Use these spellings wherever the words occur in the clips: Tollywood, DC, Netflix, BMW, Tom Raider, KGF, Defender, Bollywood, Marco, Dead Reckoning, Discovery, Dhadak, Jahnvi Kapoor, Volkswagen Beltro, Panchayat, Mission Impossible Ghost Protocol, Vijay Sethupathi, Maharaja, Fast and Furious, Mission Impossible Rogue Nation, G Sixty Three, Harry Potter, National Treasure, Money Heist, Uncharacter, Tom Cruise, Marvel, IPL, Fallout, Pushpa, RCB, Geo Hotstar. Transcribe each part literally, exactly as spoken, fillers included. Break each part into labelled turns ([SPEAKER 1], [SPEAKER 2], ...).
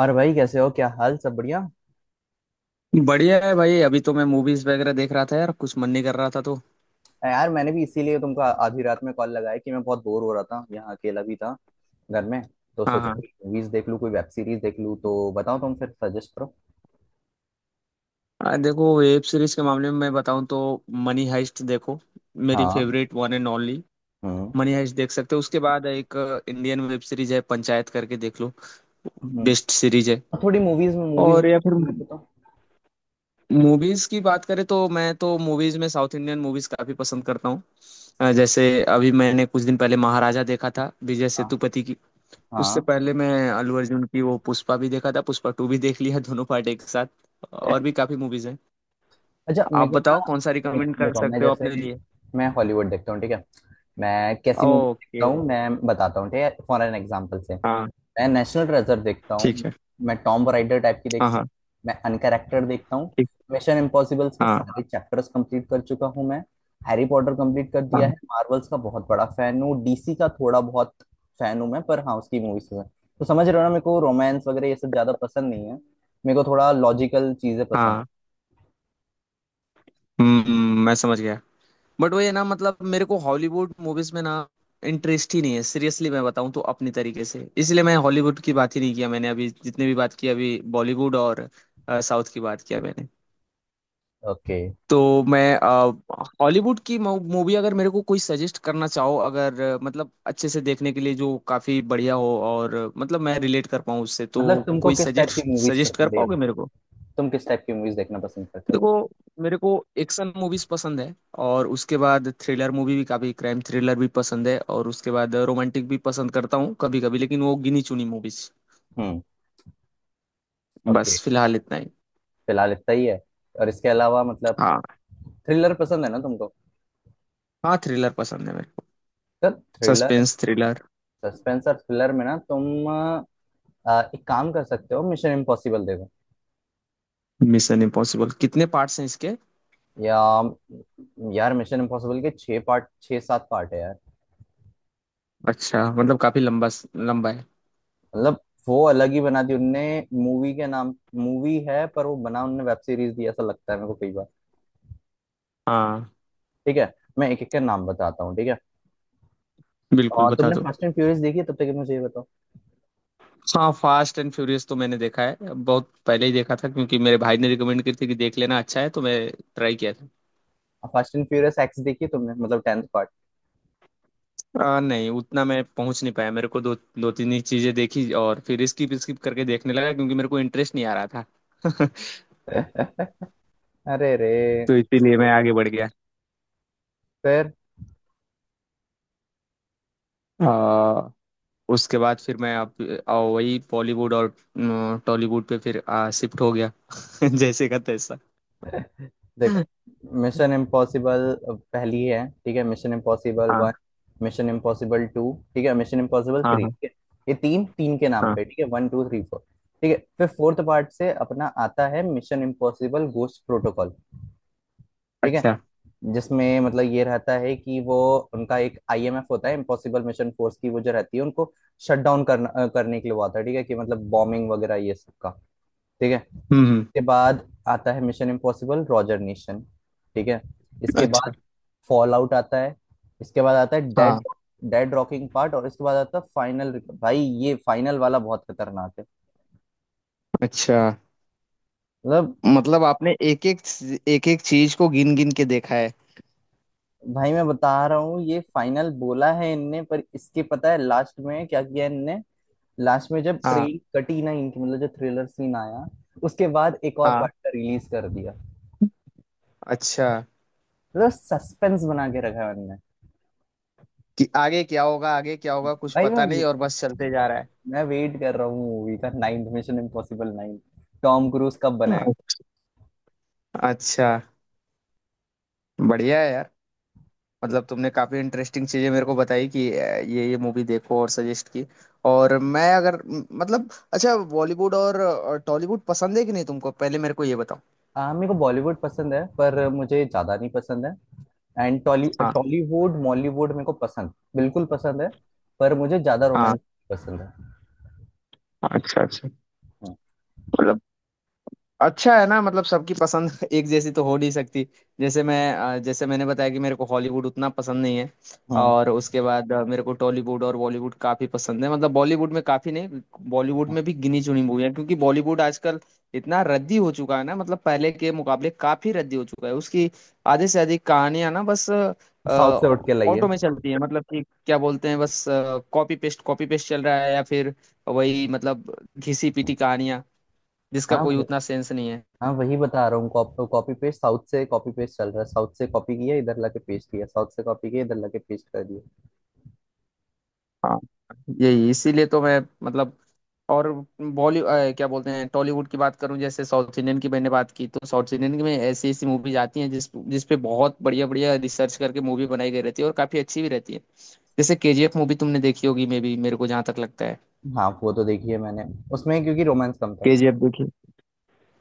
[SPEAKER 1] और भाई, कैसे हो? क्या हाल? सब बढ़िया?
[SPEAKER 2] बढ़िया है भाई। अभी तो मैं मूवीज वगैरह देख रहा था यार। कुछ मन नहीं कर रहा था तो।
[SPEAKER 1] अ, यार, मैंने भी इसीलिए तुमको आ- आधी रात में कॉल लगाया कि मैं बहुत बोर हो रहा था, यहाँ अकेला भी था घर में। तो
[SPEAKER 2] हाँ,
[SPEAKER 1] सोचा
[SPEAKER 2] हाँ।
[SPEAKER 1] कोई मूवीज देख लूँ, कोई वेब सीरीज देख लूँ, तो बताओ, तुम फिर सजेस्ट करो।
[SPEAKER 2] आ, देखो, वेब सीरीज के मामले में मैं बताऊं तो मनी हाइस्ट देखो। मेरी
[SPEAKER 1] हाँ।
[SPEAKER 2] Favourite one and only.
[SPEAKER 1] Hmm.
[SPEAKER 2] Money heist देख सकते हो। उसके बाद एक इंडियन वेब सीरीज है पंचायत करके, देख लो।
[SPEAKER 1] हम्म।
[SPEAKER 2] बेस्ट सीरीज है।
[SPEAKER 1] और थोड़ी मूवीज में मूवीज
[SPEAKER 2] और या फिर
[SPEAKER 1] में बताओ।
[SPEAKER 2] मूवीज की बात करें तो मैं तो मूवीज में साउथ इंडियन मूवीज काफी पसंद करता हूँ। अ, जैसे अभी मैंने कुछ दिन पहले महाराजा देखा था, विजय
[SPEAKER 1] हाँ,
[SPEAKER 2] सेतुपति की। उससे
[SPEAKER 1] हाँ।
[SPEAKER 2] पहले मैं अल्लू अर्जुन की वो पुष्पा भी देखा था, पुष्पा टू भी देख लिया दोनों पार्ट एक साथ। और भी काफी मूवीज हैं।
[SPEAKER 1] अच्छा,
[SPEAKER 2] आप
[SPEAKER 1] मेरे को
[SPEAKER 2] बताओ कौन सा
[SPEAKER 1] ना,
[SPEAKER 2] रिकमेंड कर
[SPEAKER 1] देखो, मैं
[SPEAKER 2] सकते हो
[SPEAKER 1] जैसे,
[SPEAKER 2] अपने लिए।
[SPEAKER 1] मैं हॉलीवुड देखता हूँ, ठीक है? मैं कैसी मूवी
[SPEAKER 2] ओके।
[SPEAKER 1] देखता हूँ मैं बताता हूँ, ठीक है? फॉर एन एग्जाम्पल से, मैं
[SPEAKER 2] हाँ।
[SPEAKER 1] नेशनल ट्रेजर देखता
[SPEAKER 2] ठीक
[SPEAKER 1] हूँ।
[SPEAKER 2] है।
[SPEAKER 1] मैं टॉम राइडर टाइप की
[SPEAKER 2] हाँ,
[SPEAKER 1] देखता हूँ।
[SPEAKER 2] हाँ।
[SPEAKER 1] मैं अनकैरेक्टर देखता हूँ।
[SPEAKER 2] ठीक।
[SPEAKER 1] मिशन इम्पॉसिबल्स के
[SPEAKER 2] हाँ,
[SPEAKER 1] सारे चैप्टर्स कंप्लीट कर चुका हूँ मैं। हैरी पॉटर कंप्लीट कर दिया
[SPEAKER 2] हाँ,
[SPEAKER 1] है। मार्वल्स का बहुत बड़ा फैन हूँ, डीसी का थोड़ा बहुत फैन हूँ मैं, पर हाँ, उसकी मूवीज का। तो समझ रहे हो ना, मेरे को रोमांस वगैरह ये सब ज्यादा पसंद नहीं है, मेरे को थोड़ा लॉजिकल चीजें पसंद।
[SPEAKER 2] हाँ। हम्म, हम्म, मैं समझ गया। बट वो ये ना, मतलब मेरे को हॉलीवुड मूवीज में ना इंटरेस्ट ही नहीं है। सीरियसली मैं बताऊं तो, अपने तरीके से, इसलिए मैं हॉलीवुड की बात ही नहीं किया। मैंने अभी जितने भी बात की अभी, बॉलीवुड और साउथ की बात किया मैंने।
[SPEAKER 1] ओके।
[SPEAKER 2] तो मैं अ, हॉलीवुड की मू- मूवी अगर मेरे को कोई सजेस्ट करना चाहो, अगर अ, मतलब अच्छे से देखने के लिए जो काफी बढ़िया हो, और अ, मतलब मैं रिलेट कर पाऊँ उससे, तो
[SPEAKER 1] मतलब तुमको
[SPEAKER 2] कोई
[SPEAKER 1] किस टाइप की
[SPEAKER 2] सजेस्ट
[SPEAKER 1] मूवीज
[SPEAKER 2] सजेस्ट कर
[SPEAKER 1] पसंद है?
[SPEAKER 2] पाओगे मेरे को?
[SPEAKER 1] तुम किस टाइप की मूवीज देखना पसंद करते हो?
[SPEAKER 2] देखो, मेरे को एक्शन मूवीज पसंद है। और उसके बाद थ्रिलर मूवी भी काफी, क्राइम थ्रिलर भी पसंद है। और उसके बाद रोमांटिक भी पसंद करता हूँ कभी कभी, लेकिन वो गिनी चुनी मूवीज।
[SPEAKER 1] हम्म। ओके।
[SPEAKER 2] बस फिलहाल इतना ही।
[SPEAKER 1] फिलहाल इतना ही है? और इसके अलावा मतलब,
[SPEAKER 2] हाँ,
[SPEAKER 1] थ्रिलर पसंद है ना तुमको?
[SPEAKER 2] हाँ, थ्रिलर पसंद है मेरे को।
[SPEAKER 1] तो थ्रिलर,
[SPEAKER 2] सस्पेंस थ्रिलर।
[SPEAKER 1] सस्पेंस और थ्रिलर में ना तुम अ, एक काम कर सकते हो, मिशन इम्पॉसिबल देखो।
[SPEAKER 2] मिशन इम्पॉसिबल कितने पार्ट्स हैं इसके?
[SPEAKER 1] या यार, मिशन इम्पॉसिबल के छः पार्ट, छः सात पार्ट है यार।
[SPEAKER 2] अच्छा, मतलब काफी लंबा लंबा है।
[SPEAKER 1] मतलब वो अलग ही बना दी उनने। मूवी के नाम मूवी है पर वो बना उनने वेब सीरीज, दिया ऐसा लगता है मेरे को कई बार।
[SPEAKER 2] हाँ,
[SPEAKER 1] ठीक है, मैं एक एक का नाम बताता हूँ, ठीक है?
[SPEAKER 2] बिल्कुल
[SPEAKER 1] और
[SPEAKER 2] बता
[SPEAKER 1] तुमने
[SPEAKER 2] दो।
[SPEAKER 1] फास्ट एंड फ्यूरियस देखी है? तब तक ये मुझे ये बताओ।
[SPEAKER 2] हाँ, फास्ट एंड फ्यूरियस तो मैंने देखा है। बहुत पहले ही देखा था, क्योंकि मेरे भाई ने रिकमेंड की थी कि देख लेना अच्छा है, तो मैं ट्राई किया था।
[SPEAKER 1] फास्ट एंड फ्यूरियस एक्स देखी है तुमने? मतलब टेंथ पार्ट।
[SPEAKER 2] आ, नहीं, उतना मैं पहुंच नहीं पाया। मेरे को दो दो तीन ही चीजें देखी, और फिर स्किप स्किप करके देखने लगा, क्योंकि मेरे को इंटरेस्ट नहीं आ रहा था।
[SPEAKER 1] अरे रे।
[SPEAKER 2] तो इसीलिए मैं आगे बढ़ गया।
[SPEAKER 1] फिर
[SPEAKER 2] आ, उसके बाद फिर मैं अब आ, वही बॉलीवुड और न, टॉलीवुड पे फिर आ, शिफ्ट हो गया जैसे का तैसा।
[SPEAKER 1] देखो,
[SPEAKER 2] हाँ,
[SPEAKER 1] मिशन इम्पॉसिबल पहली है, ठीक है? Mission Impossible one, Mission Impossible two, ठीक है, मिशन इम्पॉसिबल थ्री,
[SPEAKER 2] हाँ,
[SPEAKER 1] ठीक है? ये तीन तीन के नाम
[SPEAKER 2] हाँ।
[SPEAKER 1] पे, ठीक है, वन टू थ्री फोर। ठीक है, फिर फोर्थ पार्ट से अपना आता है मिशन इम्पॉसिबल गोस्ट प्रोटोकॉल, ठीक है?
[SPEAKER 2] अच्छा।
[SPEAKER 1] जिसमें मतलब ये रहता है कि वो, उनका एक आईएमएफ होता है, इम्पॉसिबल मिशन फोर्स, की वो जो रहती है, उनको शट डाउन करना, करने के लिए वो आता है, ठीक है, कि मतलब बॉम्बिंग वगैरह ये सब का, ठीक है।
[SPEAKER 2] हम्म, हम्म,
[SPEAKER 1] इसके बाद आता है मिशन इम्पॉसिबल रॉजर नेशन, ठीक है। इसके
[SPEAKER 2] अच्छा।
[SPEAKER 1] बाद फॉल आउट आता है। इसके बाद आता है डेड,
[SPEAKER 2] हाँ।
[SPEAKER 1] डेड रॉकिंग पार्ट, और इसके बाद आता है फाइनल। भाई, ये फाइनल वाला बहुत खतरनाक है,
[SPEAKER 2] अच्छा।
[SPEAKER 1] मतलब।
[SPEAKER 2] मतलब आपने एक एक एक एक चीज को गिन गिन के देखा है।
[SPEAKER 1] भाई मैं बता रहा हूँ, ये फाइनल बोला है इनने, पर इसके पता है लास्ट में क्या किया इनने? लास्ट में जब
[SPEAKER 2] हाँ,
[SPEAKER 1] ट्रेन कटी ना इनकी, मतलब जो थ्रिलर सीन आया, उसके बाद एक और
[SPEAKER 2] हाँ।
[SPEAKER 1] पार्ट का रिलीज कर दिया।
[SPEAKER 2] अच्छा।
[SPEAKER 1] मतलब सस्पेंस बना के रखा है इनने।
[SPEAKER 2] कि आगे क्या होगा, आगे क्या होगा, कुछ
[SPEAKER 1] भाई
[SPEAKER 2] पता
[SPEAKER 1] मैं
[SPEAKER 2] नहीं और बस चलते जा रहा है।
[SPEAKER 1] मैं वेट कर रहा हूँ मूवी का, ninth, Mission Impossible nine, Tom Cruise कब बनाएगा।
[SPEAKER 2] अच्छा। अच्छा, बढ़िया है यार। मतलब तुमने काफी इंटरेस्टिंग चीजें मेरे को बताई कि अ, ये ये मूवी देखो, और सजेस्ट की। और मैं अगर म- मतलब, अच्छा, बॉलीवुड और टॉलीवुड पसंद है कि नहीं तुमको, पहले मेरे को ये बताओ।
[SPEAKER 1] हाँ, मेरे को बॉलीवुड पसंद है पर मुझे ज्यादा नहीं पसंद है। एंड टॉली,
[SPEAKER 2] हाँ,
[SPEAKER 1] टॉलीवुड मॉलीवुड मेरे को पसंद, बिल्कुल पसंद है, पर मुझे ज्यादा
[SPEAKER 2] हाँ।
[SPEAKER 1] रोमांस पसंद है।
[SPEAKER 2] अच्छा, अच्छा।
[SPEAKER 1] हम्म,
[SPEAKER 2] अच्छा है ना, मतलब सबकी पसंद एक जैसी तो हो नहीं सकती। जैसे मैं अ, जैसे मैंने बताया कि मेरे को हॉलीवुड उतना पसंद नहीं है।
[SPEAKER 1] हम्म,
[SPEAKER 2] और उसके बाद अ, मेरे को टॉलीवुड और बॉलीवुड काफी पसंद है। मतलब बॉलीवुड में काफी नहीं, बॉलीवुड
[SPEAKER 1] हम्म।
[SPEAKER 2] में भी गिनी चुनी मूवी है, क्योंकि बॉलीवुड आजकल इतना रद्दी हो चुका है ना। मतलब पहले के मुकाबले काफी रद्दी हो चुका है। उसकी आधे से अधिक कहानियां ना बस
[SPEAKER 1] साउथ से उठ के लाइए।
[SPEAKER 2] ऑटो में चलती है। मतलब कि क्या बोलते हैं, बस कॉपी पेस्ट, कॉपी पेस्ट चल रहा है, या फिर वही मतलब घिसी पिटी कहानियां, जिसका
[SPEAKER 1] हाँ
[SPEAKER 2] कोई
[SPEAKER 1] व-
[SPEAKER 2] उतना सेंस नहीं है।
[SPEAKER 1] हाँ वही बता रहा हूँ, कॉपी पेस्ट, साउथ से कॉपी पेस्ट चल रहा है, साउथ से कॉपी किया इधर लाके पेस्ट किया, साउथ से कॉपी किया इधर लाके पेस्ट कर दिया।
[SPEAKER 2] हाँ। यही इसीलिए तो मैं मतलब, और बॉलीवुड क्या बोलते हैं, टॉलीवुड की बात करूं, जैसे साउथ इंडियन की मैंने बात की, तो साउथ इंडियन की में ऐसी ऐसी मूवीज आती हैं जिस जिस पे बहुत बढ़िया बढ़िया रिसर्च करके मूवी बनाई गई रहती है, और काफी अच्छी भी रहती है। जैसे केजीएफ मूवी तुमने देखी होगी, मे भी, मेरे को जहां तक लगता है।
[SPEAKER 1] हाँ, वो तो देखी है मैंने, उसमें क्योंकि रोमांस कम था।
[SPEAKER 2] केजीएफ देखी।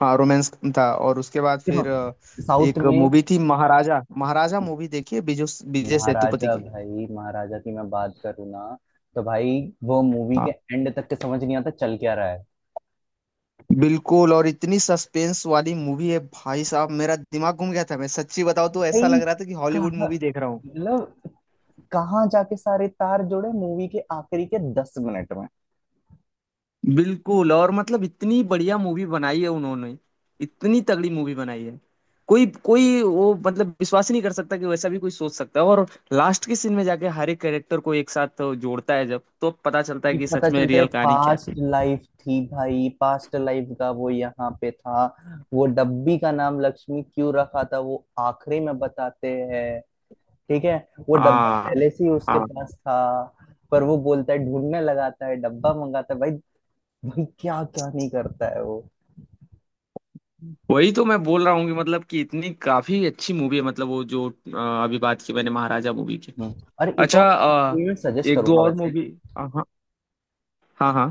[SPEAKER 2] हाँ, रोमांस था। और उसके बाद
[SPEAKER 1] देखो,
[SPEAKER 2] फिर अ,
[SPEAKER 1] साउथ
[SPEAKER 2] एक
[SPEAKER 1] में,
[SPEAKER 2] मूवी थी, महाराजा। महाराजा मूवी देखी है, विजय विजय सेतुपति
[SPEAKER 1] महाराजा,
[SPEAKER 2] की।
[SPEAKER 1] भाई महाराजा की मैं बात करूँ ना, तो भाई वो मूवी
[SPEAKER 2] हाँ,
[SPEAKER 1] के एंड तक के समझ नहीं आता चल क्या रहा है।
[SPEAKER 2] बिल्कुल। और इतनी सस्पेंस वाली मूवी है भाई साहब, मेरा दिमाग घूम गया था। मैं सच्ची बताऊं तो ऐसा
[SPEAKER 1] भाई,
[SPEAKER 2] लग रहा था कि
[SPEAKER 1] कहाँ,
[SPEAKER 2] हॉलीवुड मूवी देख रहा हूँ।
[SPEAKER 1] मतलब कहाँ जाके सारे तार जुड़े मूवी के आखिरी के दस मिनट में।
[SPEAKER 2] बिल्कुल। और मतलब इतनी बढ़िया मूवी बनाई है उन्होंने, इतनी तगड़ी मूवी बनाई है। कोई कोई वो मतलब विश्वास ही नहीं कर सकता कि वैसा भी कोई सोच सकता है। और लास्ट के सीन में जाके हर एक कैरेक्टर को एक साथ जोड़ता है, जब तो पता चलता है
[SPEAKER 1] ये
[SPEAKER 2] कि
[SPEAKER 1] पता
[SPEAKER 2] सच में
[SPEAKER 1] चलता है
[SPEAKER 2] रियल कहानी क्या थी।
[SPEAKER 1] पास्ट लाइफ थी भाई, पास्ट लाइफ का वो यहाँ पे था। वो डब्बी का नाम लक्ष्मी क्यों रखा था वो आखिरी में बताते हैं, ठीक है? वो डब्बा
[SPEAKER 2] हाँ,
[SPEAKER 1] पहले से ही उसके
[SPEAKER 2] हाँ।
[SPEAKER 1] पास था, पर वो बोलता है, ढूंढने लगाता है, डब्बा मंगाता है भाई। क्या क्या नहीं करता है वो।
[SPEAKER 2] वही तो मैं बोल रहा हूँ कि मतलब कि इतनी काफी अच्छी मूवी है। मतलब वो जो अ, अभी बात की मैंने, महाराजा मूवी की।
[SPEAKER 1] हम्म। अरे एक
[SPEAKER 2] अच्छा।
[SPEAKER 1] और, एक
[SPEAKER 2] अ,
[SPEAKER 1] मूवी मैं सजेस्ट
[SPEAKER 2] एक
[SPEAKER 1] करूंगा
[SPEAKER 2] दो और
[SPEAKER 1] वैसे।
[SPEAKER 2] मूवी। हाँ, हाँ, हाँ।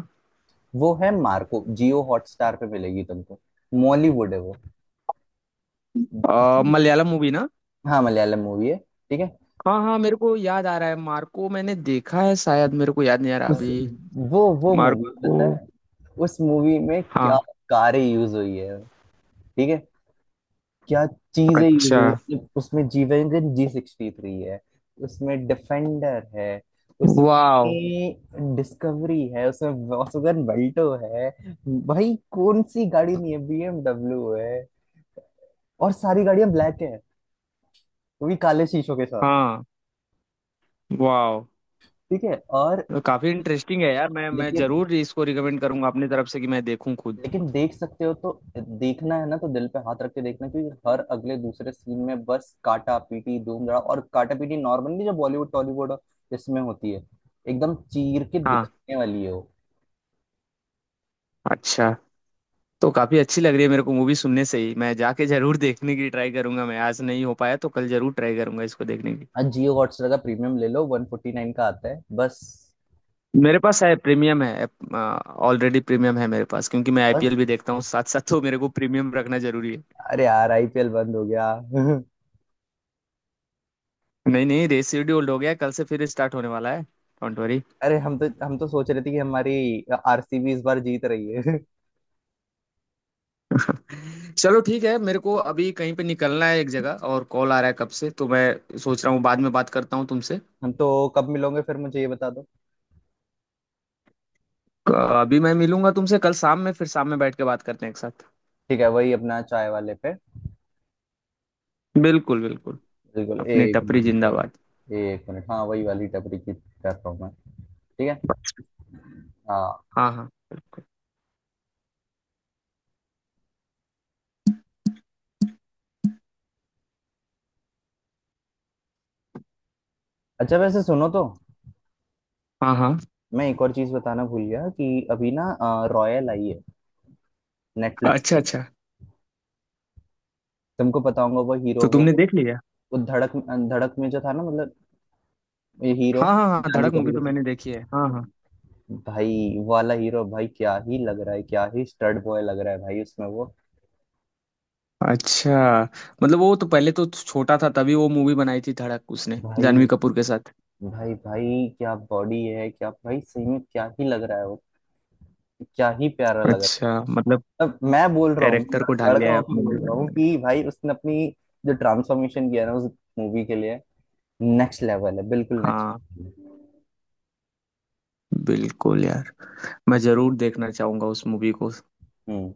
[SPEAKER 1] वो है मार्को, जियो हॉटस्टार पे मिलेगी तुमको। मॉलीवुड है वो।
[SPEAKER 2] अ, मलयालम मूवी ना?
[SPEAKER 1] हाँ, मलयालम मूवी है, ठीक है?
[SPEAKER 2] हाँ, हाँ, मेरे को याद आ रहा है, मार्को मैंने देखा है शायद, मेरे को याद नहीं आ रहा
[SPEAKER 1] उस
[SPEAKER 2] अभी।
[SPEAKER 1] वो वो मूवी
[SPEAKER 2] मार्को।
[SPEAKER 1] पता है, उस मूवी में क्या
[SPEAKER 2] हाँ।
[SPEAKER 1] कारें यूज हुई है, ठीक है, क्या चीजें यूज
[SPEAKER 2] अच्छा।
[SPEAKER 1] हुई हैं? मतलब उसमें G wagon, G sixty three है, उसमें डिफेंडर है,
[SPEAKER 2] वाओ।
[SPEAKER 1] उसमें डिस्कवरी है, उसमें वॉल्क्सवैगन बेल्टो है। भाई कौन सी गाड़ी नहीं है, बीएमडब्ल्यू है, और सारी गाड़ियां ब्लैक है, वो भी काले शीशों के साथ,
[SPEAKER 2] हाँ। वाओ।
[SPEAKER 1] ठीक है, और,
[SPEAKER 2] काफी इंटरेस्टिंग है यार। मैं मैं
[SPEAKER 1] लेकिन
[SPEAKER 2] जरूर इसको रिकमेंड करूंगा अपनी तरफ से, कि मैं देखूं खुद।
[SPEAKER 1] लेकिन देख सकते हो तो, देखना है ना तो दिल पे हाथ रख के देखना, क्योंकि हर अगले दूसरे सीन में बस काटा पीटी, धूम धड़ा, और काटा पीटी। नॉर्मली जो बॉलीवुड टॉलीवुड इसमें होती है, एकदम चीर के
[SPEAKER 2] हाँ।
[SPEAKER 1] दिखाने वाली है वो।
[SPEAKER 2] अच्छा, तो काफी अच्छी लग रही है मेरे को मूवी सुनने से ही। मैं जाके जरूर देखने की ट्राई करूंगा। मैं आज नहीं हो पाया तो कल जरूर ट्राई करूंगा इसको देखने की।
[SPEAKER 1] हाँ, जियो हॉटस्टार का प्रीमियम ले लो, वन फोर्टी नाइन का आता है बस।
[SPEAKER 2] मेरे पास है, प्रीमियम है। ऑलरेडी प्रीमियम है मेरे पास, क्योंकि मैं
[SPEAKER 1] बस,
[SPEAKER 2] आईपीएल भी देखता हूँ साथ साथ, तो मेरे को प्रीमियम रखना जरूरी है।
[SPEAKER 1] अरे यार आईपीएल बंद हो गया।
[SPEAKER 2] नहीं, नहीं, रेस शेड्यूल्ड हो गया, कल से फिर स्टार्ट होने वाला है, डोंट वरी।
[SPEAKER 1] अरे हम तो हम तो सोच रहे थे कि हमारी आरसीबी इस बार जीत रही है।
[SPEAKER 2] चलो ठीक है, मेरे को अभी कहीं पे निकलना है एक जगह, और कॉल आ रहा है कब से, तो मैं सोच रहा हूँ बाद में बात करता हूँ तुमसे।
[SPEAKER 1] हम तो, कब मिलोगे फिर मुझे ये बता दो।
[SPEAKER 2] अ, अभी मैं मिलूंगा तुमसे कल शाम में, फिर शाम में बैठ के बात करते हैं एक साथ।
[SPEAKER 1] ठीक है, वही अपना चाय वाले पे।
[SPEAKER 2] बिल्कुल, बिल्कुल।
[SPEAKER 1] बिल्कुल,
[SPEAKER 2] अपनी
[SPEAKER 1] एक
[SPEAKER 2] टपरी
[SPEAKER 1] मिनट
[SPEAKER 2] जिंदाबाद।
[SPEAKER 1] बस, एक मिनट। हाँ, वही वाली टपरी की कर रहा हूँ मैं, ठीक है? हाँ।
[SPEAKER 2] हाँ, हाँ। बिल्कुल।
[SPEAKER 1] अच्छा वैसे सुनो तो,
[SPEAKER 2] हाँ, हाँ।
[SPEAKER 1] मैं एक और चीज बताना भूल गया कि अभी ना, रॉयल आई है नेटफ्लिक्स।
[SPEAKER 2] अच्छा। अच्छा,
[SPEAKER 1] तुमको पता होगा, वो हीरो,
[SPEAKER 2] तो
[SPEAKER 1] वो
[SPEAKER 2] तुमने देख लिया?
[SPEAKER 1] वो धड़क, धड़क में जो था ना, मतलब ये हीरो,
[SPEAKER 2] हाँ, हाँ, हाँ,
[SPEAKER 1] जानवी
[SPEAKER 2] धड़क मूवी तो
[SPEAKER 1] कपूर
[SPEAKER 2] मैंने देखी है, हाँ, हाँ।
[SPEAKER 1] का- भाई, वाला हीरो। भाई क्या ही लग रहा है, क्या ही स्टड बॉय लग रहा है भाई, उसमें वो।
[SPEAKER 2] अच्छा, मतलब वो तो पहले तो छोटा था, तभी वो मूवी बनाई थी धड़क उसने जानवी
[SPEAKER 1] भाई,
[SPEAKER 2] कपूर के साथ।
[SPEAKER 1] भाई भाई, क्या बॉडी है, क्या भाई, सही में क्या ही लग रहा है वो, क्या ही प्यारा लग रहा
[SPEAKER 2] अच्छा, मतलब
[SPEAKER 1] है। अब मैं बोल रहा हूँ,
[SPEAKER 2] कैरेक्टर को ढाल
[SPEAKER 1] लड़का
[SPEAKER 2] लिया है
[SPEAKER 1] होकर
[SPEAKER 2] अपने
[SPEAKER 1] बोल रहा
[SPEAKER 2] में।
[SPEAKER 1] हूँ, कि भाई उसने अपनी जो ट्रांसफॉर्मेशन किया ना उस मूवी के लिए, नेक्स्ट लेवल है, बिल्कुल नेक्स्ट।
[SPEAKER 2] हाँ, बिल्कुल यार, मैं जरूर देखना चाहूंगा उस मूवी को।
[SPEAKER 1] हम्म।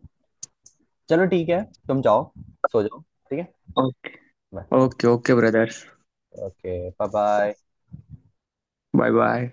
[SPEAKER 1] चलो ठीक है, तुम जाओ, सो जाओ, ठीक है।
[SPEAKER 2] Okay.
[SPEAKER 1] Bye.
[SPEAKER 2] Okay, okay brother.
[SPEAKER 1] Okay, bye bye.
[SPEAKER 2] Bye bye.